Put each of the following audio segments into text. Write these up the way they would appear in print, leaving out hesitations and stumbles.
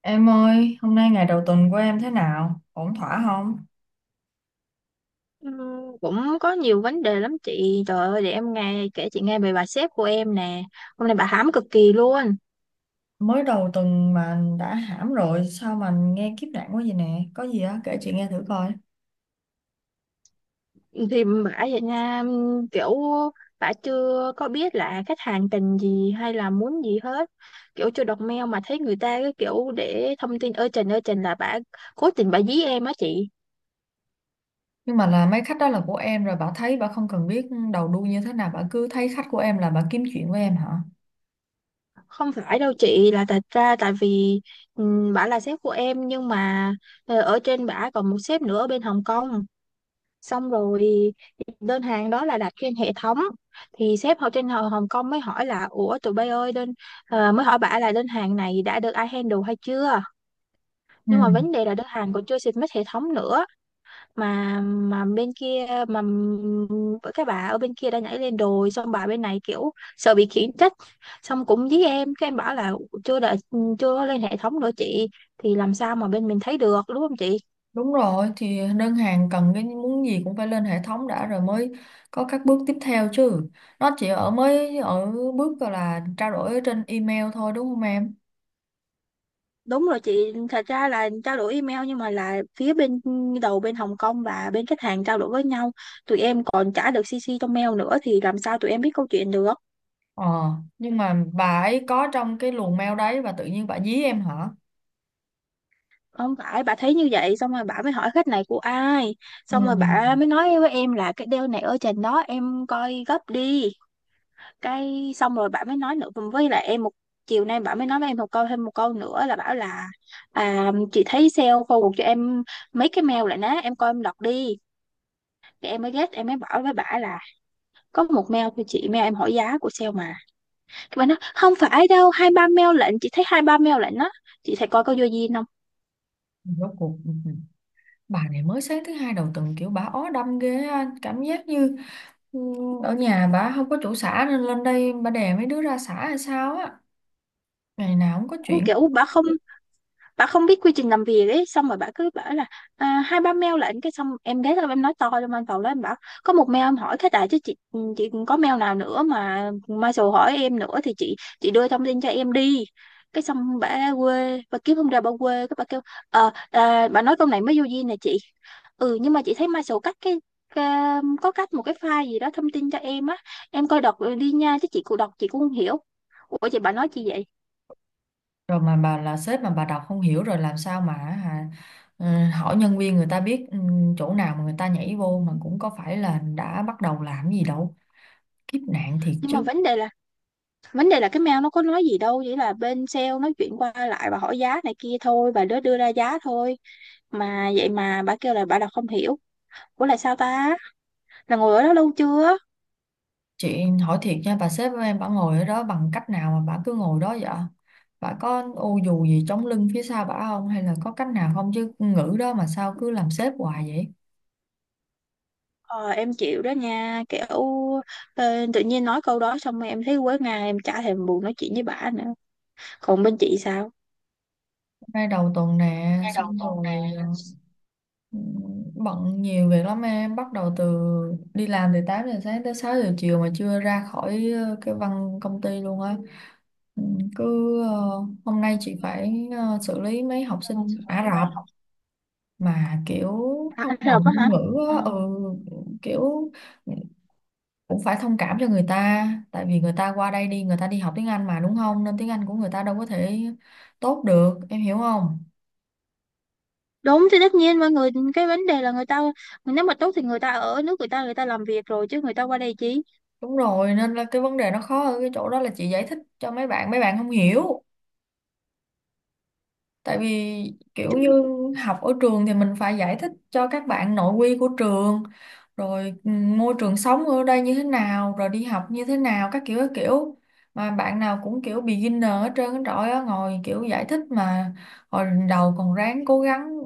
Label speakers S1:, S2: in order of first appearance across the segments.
S1: Em ơi, hôm nay ngày đầu tuần của em thế nào? Ổn thỏa không?
S2: Ừ, cũng có nhiều vấn đề lắm chị, trời ơi, để em nghe kể chị nghe về bà sếp của em nè. Hôm nay bà hãm cực kỳ luôn.
S1: Mới đầu tuần mà đã hãm rồi, sao mà nghe kiếp nạn quá vậy nè? Có gì á, kể chị nghe thử coi.
S2: Thì bà vậy nha, kiểu bà chưa có biết là khách hàng cần gì hay là muốn gì hết. Kiểu chưa đọc mail mà thấy người ta cái kiểu để thông tin ơi trình là bà cố tình bà dí em á chị.
S1: Nhưng mà là mấy khách đó là của em rồi, bà thấy bà không cần biết đầu đuôi như thế nào, bà cứ thấy khách của em là bà kiếm chuyện với em hả?
S2: Không phải đâu chị, là thật ra tại vì, bà là sếp của em nhưng mà ở trên bà còn một sếp nữa ở bên Hồng Kông. Xong rồi đơn hàng đó là đặt trên hệ thống, thì sếp họ trên Hồng Hồng Kông mới hỏi là ủa tụi bay ơi đơn, mới hỏi bả là đơn hàng này đã được ai handle hay chưa.
S1: Ừ.
S2: Nhưng mà vấn đề là đơn hàng còn chưa submit hệ thống nữa, mà bên kia, mà các bà ở bên kia đã nhảy lên đồi, xong bà bên này kiểu sợ bị khiển trách. Xong cũng với em, cái em bảo là chưa đợi, chưa có lên hệ thống nữa chị, thì làm sao mà bên mình thấy được đúng không chị.
S1: Đúng rồi, thì đơn hàng cần cái muốn gì cũng phải lên hệ thống đã rồi mới có các bước tiếp theo chứ. Nó chỉ mới ở bước gọi là trao đổi ở trên email thôi đúng không em?
S2: Đúng rồi chị, thật ra là trao đổi email nhưng mà là phía bên đầu bên Hồng Kông và bên khách hàng trao đổi với nhau, tụi em còn trả được CC trong mail nữa thì làm sao tụi em biết câu chuyện được.
S1: Ờ, nhưng mà bà ấy có trong cái luồng mail đấy và tự nhiên bà dí em hả?
S2: Không phải, bà thấy như vậy xong rồi bà mới hỏi khách này của ai,
S1: Ừ,
S2: xong rồi bà mới nói với em là cái deal này ở trên đó em coi gấp đi. Cái xong rồi bà mới nói nữa với lại em một, chiều nay bà mới nói với em một câu, thêm một câu nữa là bảo là, chị thấy sale forward cho em mấy cái mail lại nè, em coi em đọc đi. Thì em mới ghét, em mới bảo với bà là có một mail thôi chị, mail em hỏi giá của sale mà. Cái bạn nói không phải đâu, hai ba mail lệnh, chị thấy hai ba mail lệnh đó, chị thấy coi có vô duyên không.
S1: rốt cuộc bà này mới sáng thứ hai đầu tuần kiểu bà ó đâm ghê á, cảm giác như ừ, ở nhà bà không có chỗ xả nên lên đây bà đè mấy đứa ra xả hay sao á. Ngày nào cũng có
S2: Cũng
S1: chuyện.
S2: kiểu bà không, bà không biết quy trình làm việc ấy, xong rồi bà cứ bảo là, hai ba mail lệnh. Cái xong em ghé lên em nói to trong văn phòng đó, em bảo có một mail em hỏi cái tại chứ chị có mail nào nữa mà Marshall hỏi em nữa thì chị đưa thông tin cho em đi. Cái xong bà quê, bà kiếm không ra, bà quê cái bà kêu, bà nói câu này mới vô duyên nè chị. Ừ, nhưng mà chị thấy Marshall cắt cái, có cách một cái file gì đó thông tin cho em á, em coi đọc đi nha, chứ chị cũng đọc chị cũng không hiểu. Ủa chị, bà nói chi vậy.
S1: Rồi mà bà là sếp mà bà đọc không hiểu rồi làm sao mà hả? Hỏi nhân viên người ta biết, chỗ nào mà người ta nhảy vô mà cũng có phải là đã bắt đầu làm gì đâu. Kiếp nạn thiệt
S2: nhưng mà
S1: chứ.
S2: vấn đề là vấn đề là cái mail nó có nói gì đâu, chỉ là bên sale nói chuyện qua lại và hỏi giá này kia thôi, bà đứa đưa ra giá thôi. Mà vậy mà bà kêu là bà đọc không hiểu. Ủa là sao ta, là ngồi ở đó lâu chưa.
S1: Chị hỏi thiệt nha, bà sếp của em bà ngồi ở đó bằng cách nào mà bà cứ ngồi đó vậy? Bà có ô dù gì chống lưng phía sau bà không? Hay là có cách nào không chứ ngữ đó mà sao cứ làm sếp hoài vậy?
S2: Ờ, em chịu đó nha, kiểu, tự nhiên nói câu đó xong rồi em thấy quấy ngang, em chả thèm buồn nói chuyện với bà nữa. Còn bên chị sao?
S1: Hôm nay đầu tuần nè, xong rồi ừ, bận nhiều việc lắm em. Bắt đầu đi làm từ 8 giờ sáng tới 6 giờ chiều mà chưa ra khỏi cái công ty luôn á. Ừ, Cứ ờ, hôm nay chị phải xử lý mấy học sinh Ả Rập. Mà kiểu thông đồng ngôn ngữ á, kiểu cũng phải thông cảm cho người ta tại vì người ta qua đây đi, người ta đi học tiếng Anh mà đúng không, nên tiếng Anh của người ta đâu có thể tốt được, em hiểu không?
S2: Đúng, thì tất nhiên mọi người, cái vấn đề là người ta nếu mà tốt thì người ta ở nước người ta làm việc rồi, chứ người ta qua đây chi.
S1: Đúng rồi, nên là cái vấn đề nó khó ở cái chỗ đó là chị giải thích cho mấy bạn, mấy bạn không hiểu. Tại vì kiểu như học ở trường thì mình phải giải thích cho các bạn nội quy của trường rồi môi trường sống ở đây như thế nào, rồi đi học như thế nào các kiểu các kiểu, mà bạn nào cũng kiểu beginner hết trơn á, trời ơi ngồi kiểu giải thích mà. Hồi đầu còn ráng cố gắng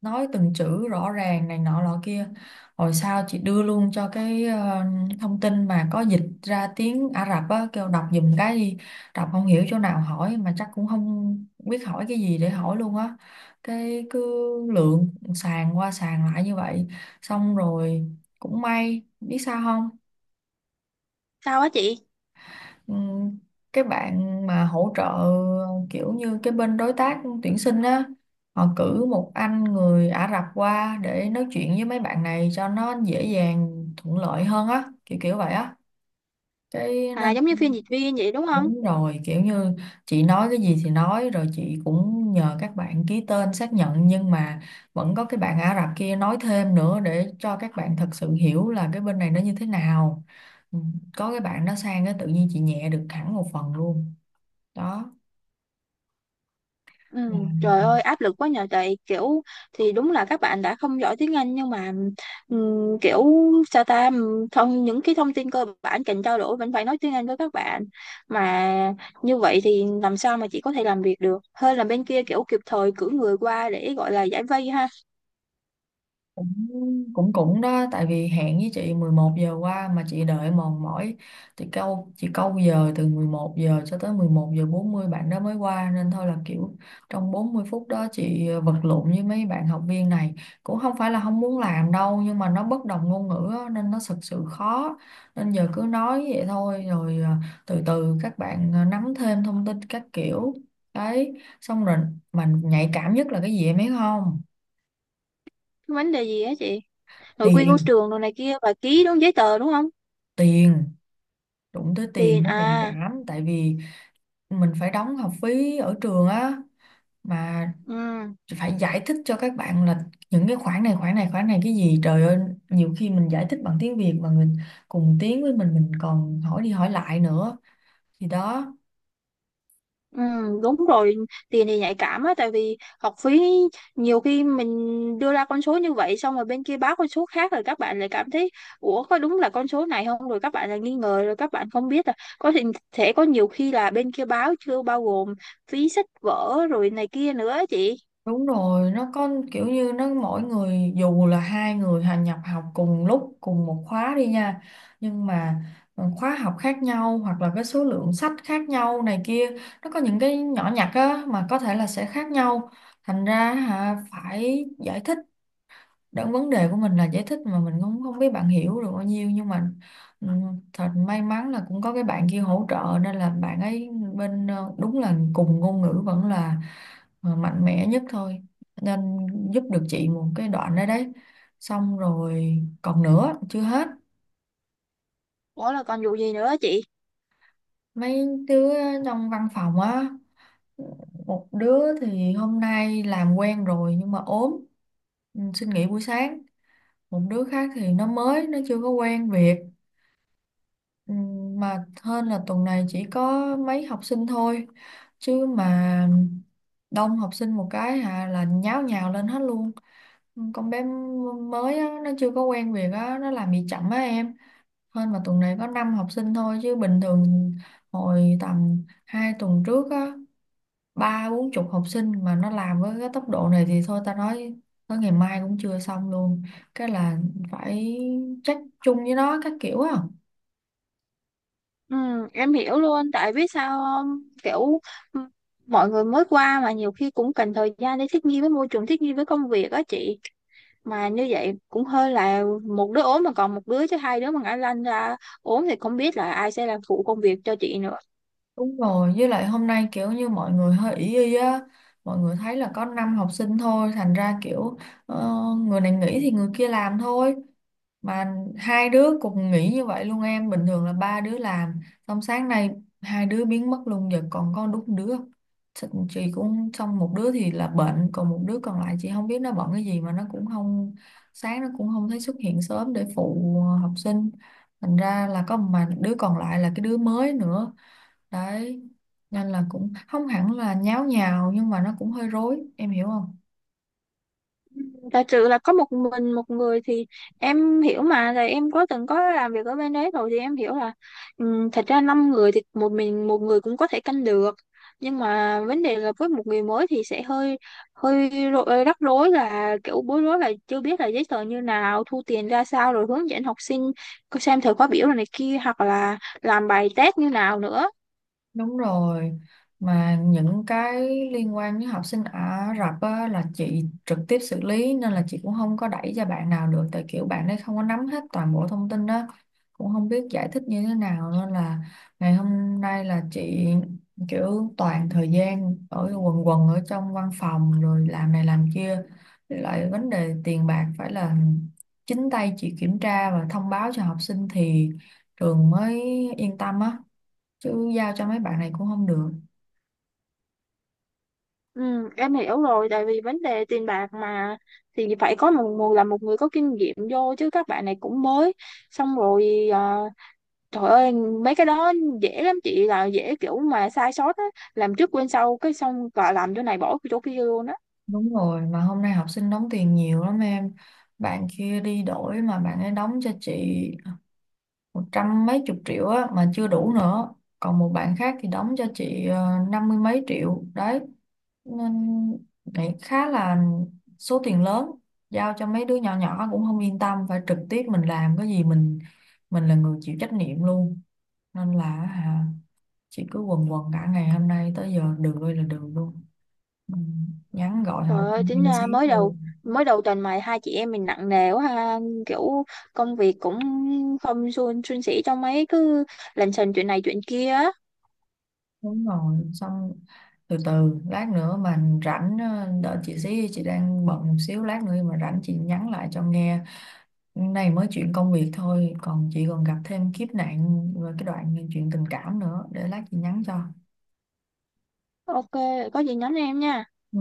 S1: nói từng chữ rõ ràng này nọ lọ kia, hồi sau chị đưa luôn cho cái thông tin mà có dịch ra tiếng Ả Rập á, kêu đọc giùm cái đi, đọc không hiểu chỗ nào hỏi, mà chắc cũng không biết hỏi cái gì để hỏi luôn á, cái cứ lượn sàn qua sàn lại như vậy. Xong rồi cũng may biết sao không?
S2: Sao á chị?
S1: Ừ, cái bạn mà hỗ trợ kiểu như cái bên đối tác tuyển sinh á, họ cử một anh người Ả Rập qua để nói chuyện với mấy bạn này cho nó dễ dàng thuận lợi hơn á, kiểu kiểu vậy á, cái
S2: À
S1: nên
S2: giống như phiên dịch viên vậy đúng không.
S1: đúng rồi, kiểu như chị nói cái gì thì nói rồi chị cũng nhờ các bạn ký tên xác nhận, nhưng mà vẫn có cái bạn Ả Rập kia nói thêm nữa để cho các bạn thật sự hiểu là cái bên này nó như thế nào. Ừ, có cái bạn đó sang cái tự nhiên chị nhẹ được hẳn một phần luôn đó.
S2: Ừ,
S1: Mà
S2: trời ơi áp lực quá nhờ, tại kiểu thì đúng là các bạn đã không giỏi tiếng Anh nhưng mà, kiểu sao ta, thông những cái thông tin cơ bản cần trao đổi vẫn phải nói tiếng Anh với các bạn. Mà như vậy thì làm sao mà chị có thể làm việc được, hơn là bên kia kiểu kịp thời cử người qua để gọi là giải vây ha.
S1: cũng cũng cũng đó, tại vì hẹn với chị 11 giờ qua mà chị đợi mòn mỏi, thì câu chị câu giờ từ 11 giờ cho tới 11 giờ 40 bạn đó mới qua, nên thôi là kiểu trong 40 phút đó chị vật lộn với mấy bạn học viên này. Cũng không phải là không muốn làm đâu nhưng mà nó bất đồng ngôn ngữ á, nên nó thực sự khó, nên giờ cứ nói vậy thôi rồi từ từ các bạn à, nắm thêm thông tin các kiểu đấy. Xong rồi mà nhạy cảm nhất là cái gì em biết không?
S2: Cái vấn đề gì á chị? Nội quy của
S1: Tiền.
S2: trường đồ này kia và ký đúng giấy tờ đúng không.
S1: Tiền. Đụng tới tiền
S2: Tiền
S1: nó nhạy
S2: à?
S1: cảm tại vì mình phải đóng học phí ở trường á, mà
S2: Ừ.
S1: phải giải thích cho các bạn là những cái khoản này khoản này khoản này, cái gì trời ơi, nhiều khi mình giải thích bằng tiếng Việt mà người cùng tiếng với mình còn hỏi đi hỏi lại nữa, thì đó.
S2: Ừ, đúng rồi, tiền thì nhạy cảm á, tại vì học phí nhiều khi mình đưa ra con số như vậy xong rồi bên kia báo con số khác, rồi các bạn lại cảm thấy ủa có đúng là con số này không, rồi các bạn lại nghi ngờ, rồi các bạn không biết là có thể có nhiều khi là bên kia báo chưa bao gồm phí sách vở rồi này kia nữa á chị.
S1: Đúng rồi, nó có kiểu như nó mỗi người dù là hai người hành nhập học cùng lúc cùng một khóa đi nha, nhưng mà khóa học khác nhau hoặc là cái số lượng sách khác nhau này kia, nó có những cái nhỏ nhặt á mà có thể là sẽ khác nhau, thành ra hả phải giải thích. Đó, vấn đề của mình là giải thích mà mình cũng không biết bạn hiểu được bao nhiêu, nhưng mà ừ, thật may mắn là cũng có cái bạn kia hỗ trợ, nên là bạn ấy bên đúng là cùng ngôn ngữ vẫn là mạnh mẽ nhất thôi, nên giúp được chị một cái đoạn đấy đấy. Xong rồi còn nữa chưa hết,
S2: Ủa là còn vụ gì nữa á chị?
S1: mấy đứa trong văn phòng á, một đứa thì hôm nay làm quen rồi nhưng mà ốm, xin nghỉ buổi sáng, một đứa khác thì nó chưa có quen việc. Ừ, mà hơn là tuần này chỉ có mấy học sinh thôi chứ mà đông học sinh một cái hà là nháo nhào lên hết luôn. Con bé mới á, nó chưa có quen việc á, nó làm bị chậm á em. Hơn mà tuần này có 5 học sinh thôi chứ bình thường hồi tầm 2 tuần trước á, ba bốn chục học sinh mà nó làm với cái tốc độ này thì thôi ta nói tới ngày mai cũng chưa xong luôn, cái là phải trách chung với nó các kiểu á.
S2: ừ, em hiểu luôn, tại biết sao không? Kiểu, ừ, mọi người mới qua mà nhiều khi cũng cần thời gian để thích nghi với môi trường, thích nghi với công việc á chị. Mà như vậy cũng hơi, là một đứa ốm mà còn một đứa, chứ hai đứa mà ngã lăn ra ốm thì không biết là ai sẽ làm phụ công việc cho chị nữa.
S1: Đúng rồi, với lại hôm nay kiểu như mọi người hơi ý y á, mọi người thấy là có 5 học sinh thôi, thành ra kiểu ờ, người này nghỉ thì người kia làm thôi. Mà hai đứa cùng nghỉ như vậy luôn em, bình thường là ba đứa làm, xong sáng nay hai đứa biến mất luôn, giờ còn có đúng đứa. Chị cũng xong, một đứa thì là bệnh, còn một đứa còn lại chị không biết nó bận cái gì mà nó cũng không, sáng nó cũng không thấy xuất hiện sớm để phụ học sinh. Thành ra là có mà đứa còn lại là cái đứa mới nữa đấy, nên là cũng không hẳn là nháo nhào nhưng mà nó cũng hơi rối, em hiểu không?
S2: Giả sự là có một mình một người thì em hiểu mà, là em có từng có làm việc ở bên đấy rồi thì em hiểu là, thật ra năm người thì một mình một người cũng có thể canh được, nhưng mà vấn đề là với một người mới thì sẽ hơi, hơi rắc rối, là kiểu bối rối là chưa biết là giấy tờ như nào, thu tiền ra sao, rồi hướng dẫn học sinh có xem thời khóa biểu rồi này kia, hoặc là làm bài test như nào nữa.
S1: Đúng rồi, mà những cái liên quan với học sinh Ả Rập á, là chị trực tiếp xử lý, nên là chị cũng không có đẩy cho bạn nào được, tại kiểu bạn ấy không có nắm hết toàn bộ thông tin đó, cũng không biết giải thích như thế nào, nên là ngày hôm nay là chị kiểu toàn thời gian ở quần quần ở trong văn phòng rồi làm này làm kia. Với lại vấn đề tiền bạc phải là chính tay chị kiểm tra và thông báo cho học sinh thì trường mới yên tâm á, chứ giao cho mấy bạn này cũng không được.
S2: Ừ, em hiểu rồi, tại vì vấn đề tiền bạc mà thì phải có một người, là một người có kinh nghiệm vô, chứ các bạn này cũng mới. Xong rồi trời ơi mấy cái đó dễ lắm chị, là dễ kiểu mà sai sót á, làm trước quên sau, cái xong cả làm chỗ này bỏ chỗ kia luôn á.
S1: Đúng rồi, mà hôm nay học sinh đóng tiền nhiều lắm em, bạn kia đi đổi mà bạn ấy đóng cho chị một trăm mấy chục triệu á mà chưa đủ nữa, còn một bạn khác thì đóng cho chị năm mươi mấy triệu đấy. Nên nghĩ khá là số tiền lớn, giao cho mấy đứa nhỏ nhỏ cũng không yên tâm, phải trực tiếp mình làm cái gì mình là người chịu trách nhiệm luôn. Nên là hả, chị cứ quần quần cả ngày hôm nay tới giờ được ơi là được luôn. Ừ, nhắn gọi hỏi
S2: Trời ơi
S1: thăm
S2: chính
S1: thêm
S2: ra
S1: xíu
S2: mới đầu,
S1: thôi.
S2: mới đầu tuần mà hai chị em mình nặng nề quá ha. Kiểu công việc cũng không suôn suôn sẻ cho mấy, cứ lành xành chuyện này chuyện kia á.
S1: Đúng rồi, xong từ từ lát nữa mà rảnh, đợi chị xí, chị đang bận một xíu, lát nữa mà rảnh chị nhắn lại cho nghe. Này mới chuyện công việc thôi, còn chị còn gặp thêm kiếp nạn rồi cái đoạn chuyện tình cảm nữa, để lát chị nhắn cho.
S2: Ok, có gì nhắn em nha.
S1: Ừ.